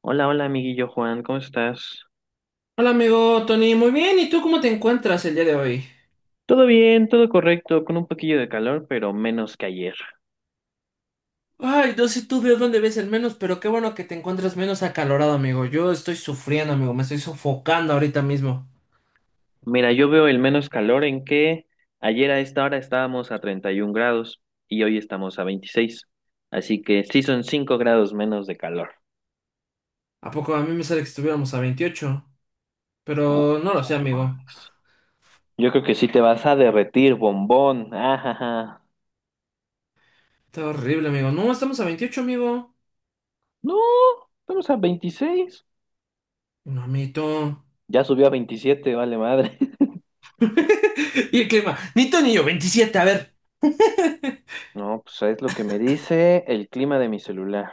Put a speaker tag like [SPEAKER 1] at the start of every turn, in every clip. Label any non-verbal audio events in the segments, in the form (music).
[SPEAKER 1] Hola, hola, amiguillo Juan, ¿cómo estás?
[SPEAKER 2] Hola amigo Tony, muy bien, ¿y tú cómo te encuentras el día de hoy?
[SPEAKER 1] Todo bien, todo correcto, con un poquillo de calor, pero menos que ayer.
[SPEAKER 2] Ay, no sé tú de dónde ves el menos, pero qué bueno que te encuentras menos acalorado, amigo. Yo estoy sufriendo, amigo, me estoy sofocando ahorita mismo.
[SPEAKER 1] Mira, yo veo el menos calor en que ayer a esta hora estábamos a 31 grados y hoy estamos a 26. Así que sí son 5 grados menos de calor.
[SPEAKER 2] ¿A poco a mí me sale que estuviéramos a 28?
[SPEAKER 1] Uh,
[SPEAKER 2] Pero no lo sé, amigo.
[SPEAKER 1] Yo creo que sí te vas a derretir, bombón. Ajaja.
[SPEAKER 2] Está horrible, amigo. No, estamos a 28, amigo.
[SPEAKER 1] No, estamos a 26.
[SPEAKER 2] No, amito.
[SPEAKER 1] Ya subió a 27, vale madre. (laughs)
[SPEAKER 2] (laughs) ¿Y el clima? Ni tú ni yo, 27. A ver.
[SPEAKER 1] No, pues es lo que me dice el clima de mi celular.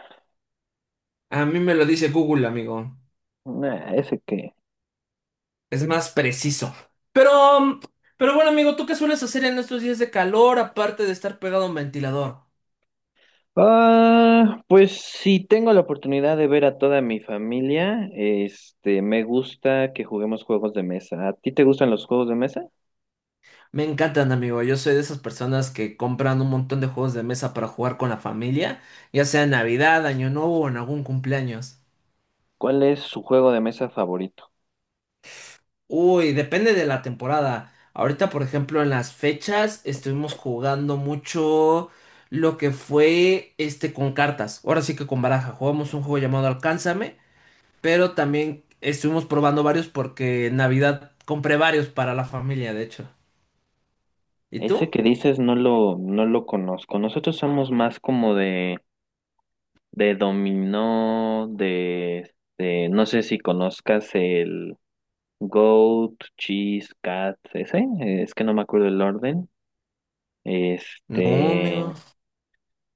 [SPEAKER 2] A mí me lo dice Google, amigo.
[SPEAKER 1] Nah, ese que.
[SPEAKER 2] Es más preciso. Pero, mm, pero, bueno, amigo, ¿tú qué sueles hacer en estos días de calor aparte de estar pegado a un ventilador?
[SPEAKER 1] Ah, pues si tengo la oportunidad de ver a toda mi familia, este, me gusta que juguemos juegos de mesa. ¿A ti te gustan los juegos de mesa?
[SPEAKER 2] Me encantan, amigo. Yo soy de esas personas que compran un montón de juegos de mesa para jugar con la familia, ya sea en Navidad, Año Nuevo o en algún cumpleaños.
[SPEAKER 1] ¿Cuál es su juego de mesa favorito?
[SPEAKER 2] Uy, depende de la temporada. Ahorita, por ejemplo, en las fechas estuvimos jugando mucho lo que fue este con cartas. Ahora sí que con baraja. Jugamos un juego llamado Alcánzame, pero también estuvimos probando varios porque en Navidad compré varios para la familia, de hecho. ¿Y
[SPEAKER 1] Ese
[SPEAKER 2] tú?
[SPEAKER 1] que dices no lo conozco. Nosotros somos más como de, dominó, no sé si conozcas el Goat, Cheese, Cat, ese, es que no me acuerdo el orden.
[SPEAKER 2] No,
[SPEAKER 1] Este,
[SPEAKER 2] amigo.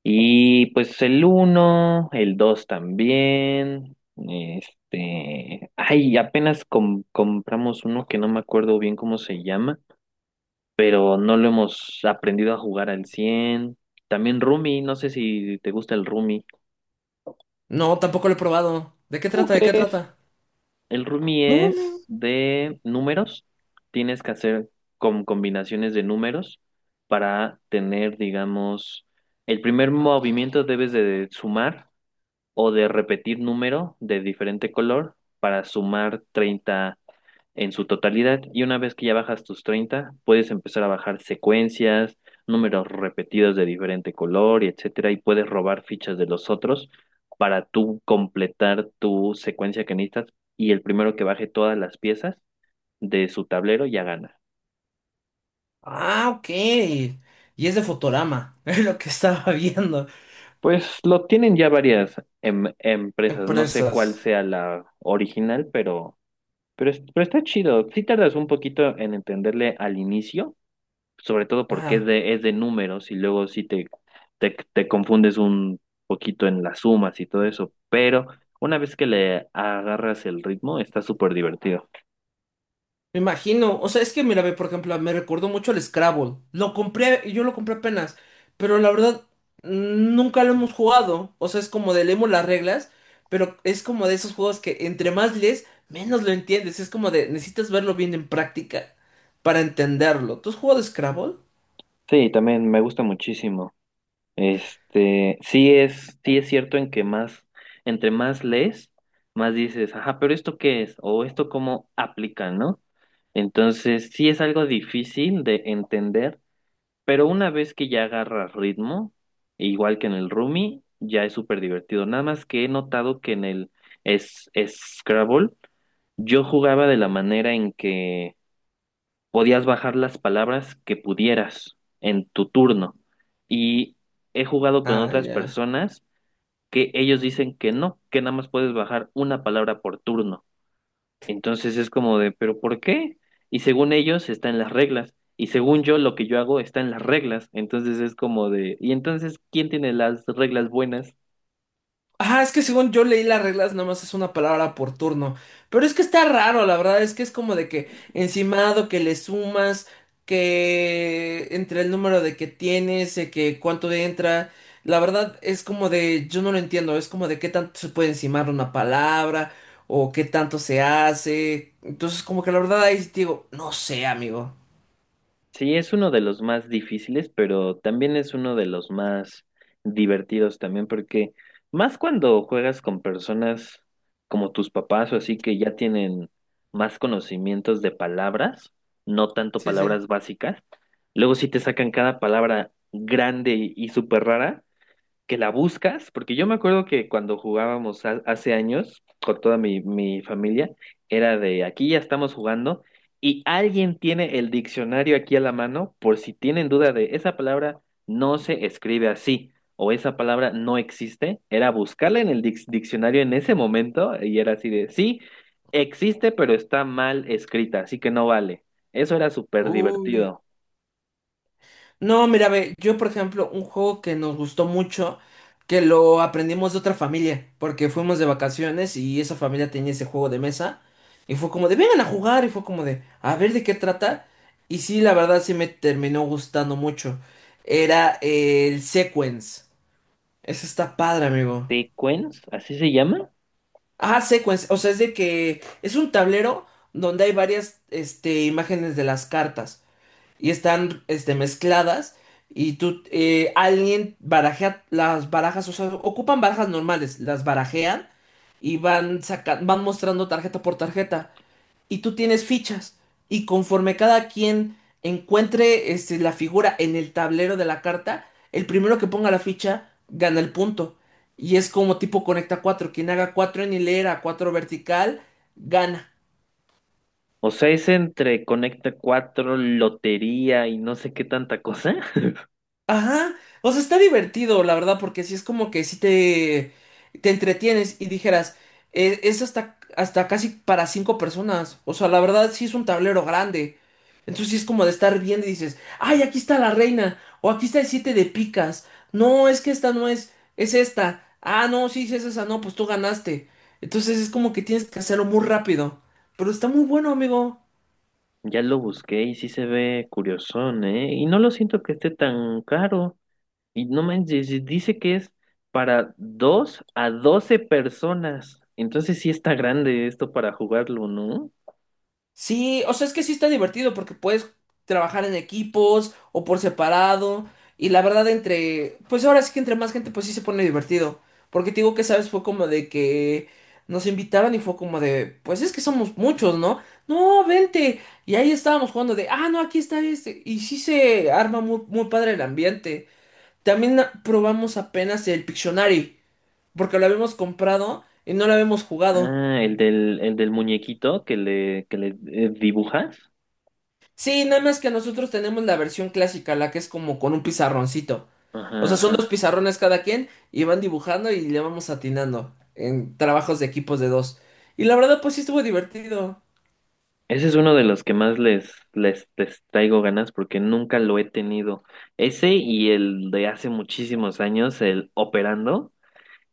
[SPEAKER 1] y pues el uno, el 2 también. Este, ay, apenas compramos uno que no me acuerdo bien cómo se llama, pero no lo hemos aprendido a jugar al cien. También Rumi, no sé si te gusta el Rumi.
[SPEAKER 2] No, tampoco lo he probado. ¿De qué
[SPEAKER 1] ¿Cómo
[SPEAKER 2] trata? ¿De qué
[SPEAKER 1] crees?
[SPEAKER 2] trata?
[SPEAKER 1] El Rumi
[SPEAKER 2] No, amigo.
[SPEAKER 1] es de números. Tienes que hacer con combinaciones de números para tener, digamos, el primer movimiento debes de sumar o de repetir número de diferente color para sumar 30 en su totalidad. Y una vez que ya bajas tus 30 puedes empezar a bajar secuencias, números repetidos de diferente color y etcétera, y puedes robar fichas de los otros para tú completar tu secuencia que necesitas, y el primero que baje todas las piezas de su tablero ya gana.
[SPEAKER 2] Ah, ok. Y es de Fotorama. (laughs) Es lo que estaba viendo.
[SPEAKER 1] Pues lo tienen ya varias empresas, no sé cuál
[SPEAKER 2] Empresas.
[SPEAKER 1] sea la original, pero, pero está chido. Sí tardas un poquito en entenderle al inicio, sobre todo porque
[SPEAKER 2] Ajá.
[SPEAKER 1] es de números y luego sí te, te confundes un poquito en las sumas y todo eso. Pero una vez que le agarras el ritmo, está súper divertido.
[SPEAKER 2] Me imagino, o sea, es que mira, ve, por ejemplo, me recordó mucho al Scrabble. Lo compré, yo lo compré apenas, pero la verdad nunca lo hemos jugado. O sea, es como de leemos las reglas, pero es como de esos juegos que entre más lees, menos lo entiendes. Es como de necesitas verlo bien en práctica para entenderlo. ¿Tú has jugado Scrabble?
[SPEAKER 1] Sí, también me gusta muchísimo. Este, sí es cierto en que más, entre más lees, más dices, ajá, pero ¿esto qué es? O ¿esto cómo aplica, no? Entonces, sí es algo difícil de entender. Pero una vez que ya agarras ritmo, igual que en el Rumi, ya es súper divertido. Nada más que he notado que en el es Scrabble, yo jugaba de la manera en que podías bajar las palabras que pudieras en tu turno. Y he jugado con
[SPEAKER 2] Ah,
[SPEAKER 1] otras
[SPEAKER 2] ya.
[SPEAKER 1] personas que ellos dicen que no, que nada más puedes bajar una palabra por turno. Entonces es como de, ¿pero por qué? Y según ellos está en las reglas. Y según yo, lo que yo hago está en las reglas. Entonces es como de, ¿y entonces quién tiene las reglas buenas?
[SPEAKER 2] Ah, es que según yo leí las reglas, nada más es una palabra por turno. Pero es que está raro, la verdad, es que es como de que encimado, que le sumas, que entre el número de que tienes, que cuánto entra. La verdad es como de, yo no lo entiendo, es como de qué tanto se puede encimar una palabra o qué tanto se hace. Entonces, como que la verdad ahí sí te digo, no sé, amigo.
[SPEAKER 1] Sí, es uno de los más difíciles, pero también es uno de los más divertidos también, porque más cuando juegas con personas como tus papás o así que ya tienen más conocimientos de palabras, no tanto
[SPEAKER 2] Sí, sí.
[SPEAKER 1] palabras básicas. Luego si te sacan cada palabra grande y súper rara, que la buscas, porque yo me acuerdo que cuando jugábamos hace años con toda mi familia, era de aquí ya estamos jugando y alguien tiene el diccionario aquí a la mano por si tienen duda de esa palabra no se escribe así o esa palabra no existe, era buscarla en el diccionario en ese momento y era así de sí, existe pero está mal escrita, así que no vale. Eso era súper
[SPEAKER 2] Uy.
[SPEAKER 1] divertido.
[SPEAKER 2] No, mira, ve, yo por ejemplo, un juego que nos gustó mucho, que lo aprendimos de otra familia, porque fuimos de vacaciones y esa familia tenía ese juego de mesa, y fue como de, vengan a jugar, y fue como de, a ver de qué trata, y sí, la verdad sí me terminó gustando mucho. Era el Sequence. Ese está padre, amigo.
[SPEAKER 1] ¿Tequens? ¿Así se llama?
[SPEAKER 2] Ah, Sequence, o sea, es de que es un tablero donde hay varias, este, imágenes de las cartas y están este, mezcladas y tú, alguien barajea las barajas, o sea, ocupan barajas normales, las barajean y van mostrando tarjeta por tarjeta y tú tienes fichas y conforme cada quien encuentre este, la figura en el tablero de la carta, el primero que ponga la ficha gana el punto. Y es como tipo conecta cuatro, quien haga cuatro en hilera, cuatro vertical, gana.
[SPEAKER 1] O sea, es entre Conecta Cuatro, lotería y no sé qué tanta cosa. (laughs)
[SPEAKER 2] Ajá, o sea, está divertido, la verdad, porque sí es como que sí te entretienes y dijeras, "Es hasta casi para cinco personas, o sea, la verdad sí es un tablero grande, entonces sí es como de estar viendo y dices, ay, aquí está la reina, o aquí está el siete de picas, no, es que esta no es, es esta, ah, no, sí, sí es esa, no, pues tú ganaste, entonces es como que tienes que hacerlo muy rápido, pero está muy bueno, amigo.
[SPEAKER 1] Ya lo busqué y sí se ve curiosón, ¿eh? Y no lo siento que esté tan caro. Y no manches, y dice que es para 2 a 12 personas. Entonces sí está grande esto para jugarlo, ¿no?
[SPEAKER 2] Sí, o sea, es que sí está divertido porque puedes trabajar en equipos o por separado. Y la verdad, entre, pues ahora sí que entre más gente, pues sí se pone divertido. Porque te digo que, ¿sabes? Fue como de que nos invitaron y fue como de, pues es que somos muchos, ¿no? No, vente. Y ahí estábamos jugando de, ah, no, aquí está este. Y sí se arma muy, muy padre el ambiente. También probamos apenas el Pictionary, porque lo habíamos comprado y no lo habíamos jugado.
[SPEAKER 1] Ah, el del muñequito que le, que le dibujas.
[SPEAKER 2] Sí, nada más que nosotros tenemos la versión clásica, la que es como con un pizarroncito. O
[SPEAKER 1] Ajá,
[SPEAKER 2] sea, son dos
[SPEAKER 1] ajá.
[SPEAKER 2] pizarrones cada quien y van dibujando y le vamos atinando en trabajos de equipos de dos. Y la verdad, pues sí estuvo divertido.
[SPEAKER 1] Ese es uno de los que más les traigo ganas porque nunca lo he tenido. Ese y el de hace muchísimos años, el Operando,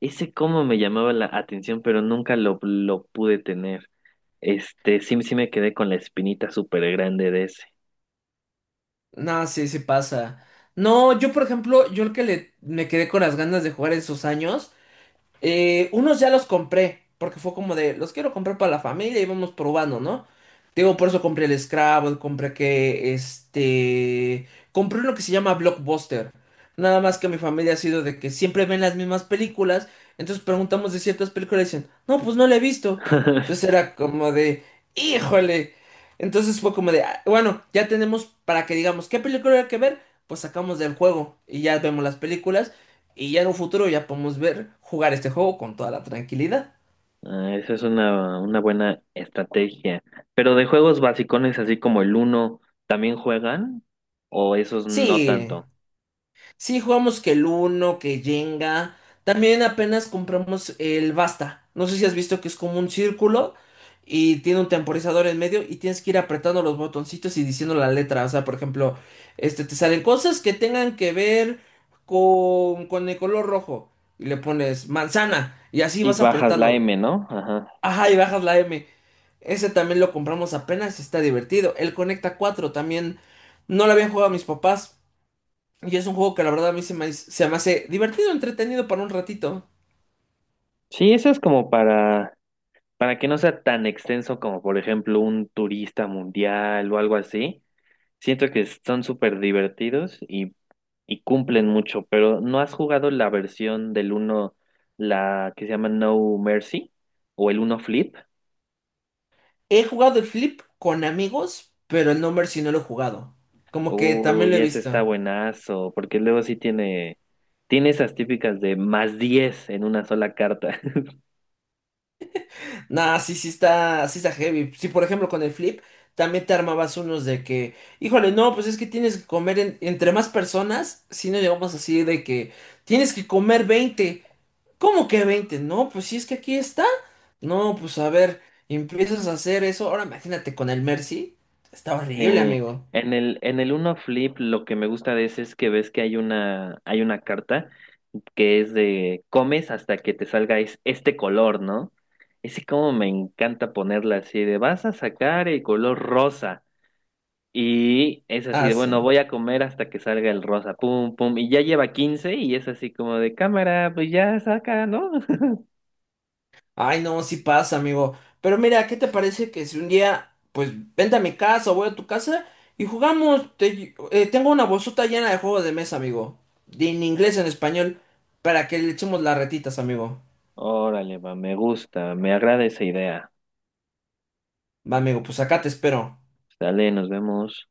[SPEAKER 1] ese como me llamaba la atención, pero nunca lo pude tener. Este, sí, sí me quedé con la espinita súper grande de ese.
[SPEAKER 2] No, sí, sí pasa. No, yo por ejemplo, yo el que le, me quedé con las ganas de jugar en esos años. Unos ya los compré, porque fue como de, los quiero comprar para la familia y vamos probando, ¿no? Te digo, por eso compré el Scrabble, compré uno que se llama Blockbuster. Nada más que mi familia ha sido de que siempre ven las mismas películas, entonces preguntamos de ciertas películas y dicen, no, pues no la he visto. Entonces
[SPEAKER 1] (laughs)
[SPEAKER 2] era como de, híjole. Entonces fue como de, "Ah, bueno, ya tenemos para que digamos, ¿qué película hay que ver? Pues sacamos del juego y ya vemos las películas. Y ya en un futuro ya podemos ver jugar este juego con toda la tranquilidad.
[SPEAKER 1] Ah, esa es una buena estrategia. Pero de juegos basicones, así como el Uno, ¿también juegan? ¿O esos no
[SPEAKER 2] Sí,
[SPEAKER 1] tanto?
[SPEAKER 2] sí jugamos que el Uno, que Jenga. También apenas compramos el Basta. No sé si has visto que es como un círculo y tiene un temporizador en medio y tienes que ir apretando los botoncitos y diciendo la letra. O sea, por ejemplo, este te salen cosas que tengan que ver con el color rojo. Y le pones manzana y así
[SPEAKER 1] Y
[SPEAKER 2] vas
[SPEAKER 1] bajas la
[SPEAKER 2] apretando.
[SPEAKER 1] M, ¿no? Ajá.
[SPEAKER 2] Ajá, y bajas la M. Ese también lo compramos apenas, y está divertido. El Conecta cuatro también no lo habían jugado mis papás. Y es un juego que la verdad a mí se me hace divertido, entretenido para un ratito.
[SPEAKER 1] Sí, eso es como para que no sea tan extenso como, por ejemplo, un turista mundial o algo así, siento que son súper divertidos y cumplen mucho, pero ¿no has jugado la versión del uno, la que se llama No Mercy o el uno Flip?
[SPEAKER 2] He jugado el Flip con amigos, pero el Number sí no lo he jugado. Como que también lo
[SPEAKER 1] Uy,
[SPEAKER 2] he
[SPEAKER 1] ese está
[SPEAKER 2] visto.
[SPEAKER 1] buenazo, porque luego sí tiene, tiene esas típicas de más 10 en una sola carta.
[SPEAKER 2] Nah, sí, sí está heavy. Sí, por ejemplo, con el Flip también te armabas unos de que, híjole, no, pues es que tienes que comer entre más personas, si no llegamos así de que tienes que comer 20. ¿Cómo que 20? No, pues si es que aquí está. No, pues a ver, empiezas a hacer eso. Ahora imagínate con el Mercy. Está horrible,
[SPEAKER 1] Eh,
[SPEAKER 2] amigo.
[SPEAKER 1] en el Uno Flip lo que me gusta de ese es que ves que hay una carta que es de comes hasta que te salga este color, ¿no? Ese como me encanta ponerla así de vas a sacar el color rosa. Y es así
[SPEAKER 2] Ah,
[SPEAKER 1] de bueno,
[SPEAKER 2] sí.
[SPEAKER 1] voy a comer hasta que salga el rosa, pum, pum. Y ya lleva 15 y es así como de cámara, pues ya saca, ¿no? (laughs)
[SPEAKER 2] Ay, no, sí pasa, amigo. Pero mira, ¿qué te parece que si un día, pues vente a mi casa o voy a tu casa y jugamos? Te tengo una bolsota llena de juegos de mesa, amigo. En inglés, en español, para que le echemos las retitas, amigo.
[SPEAKER 1] Órale, va, me gusta, me agrada esa idea.
[SPEAKER 2] Va, amigo, pues acá te espero.
[SPEAKER 1] Dale, nos vemos.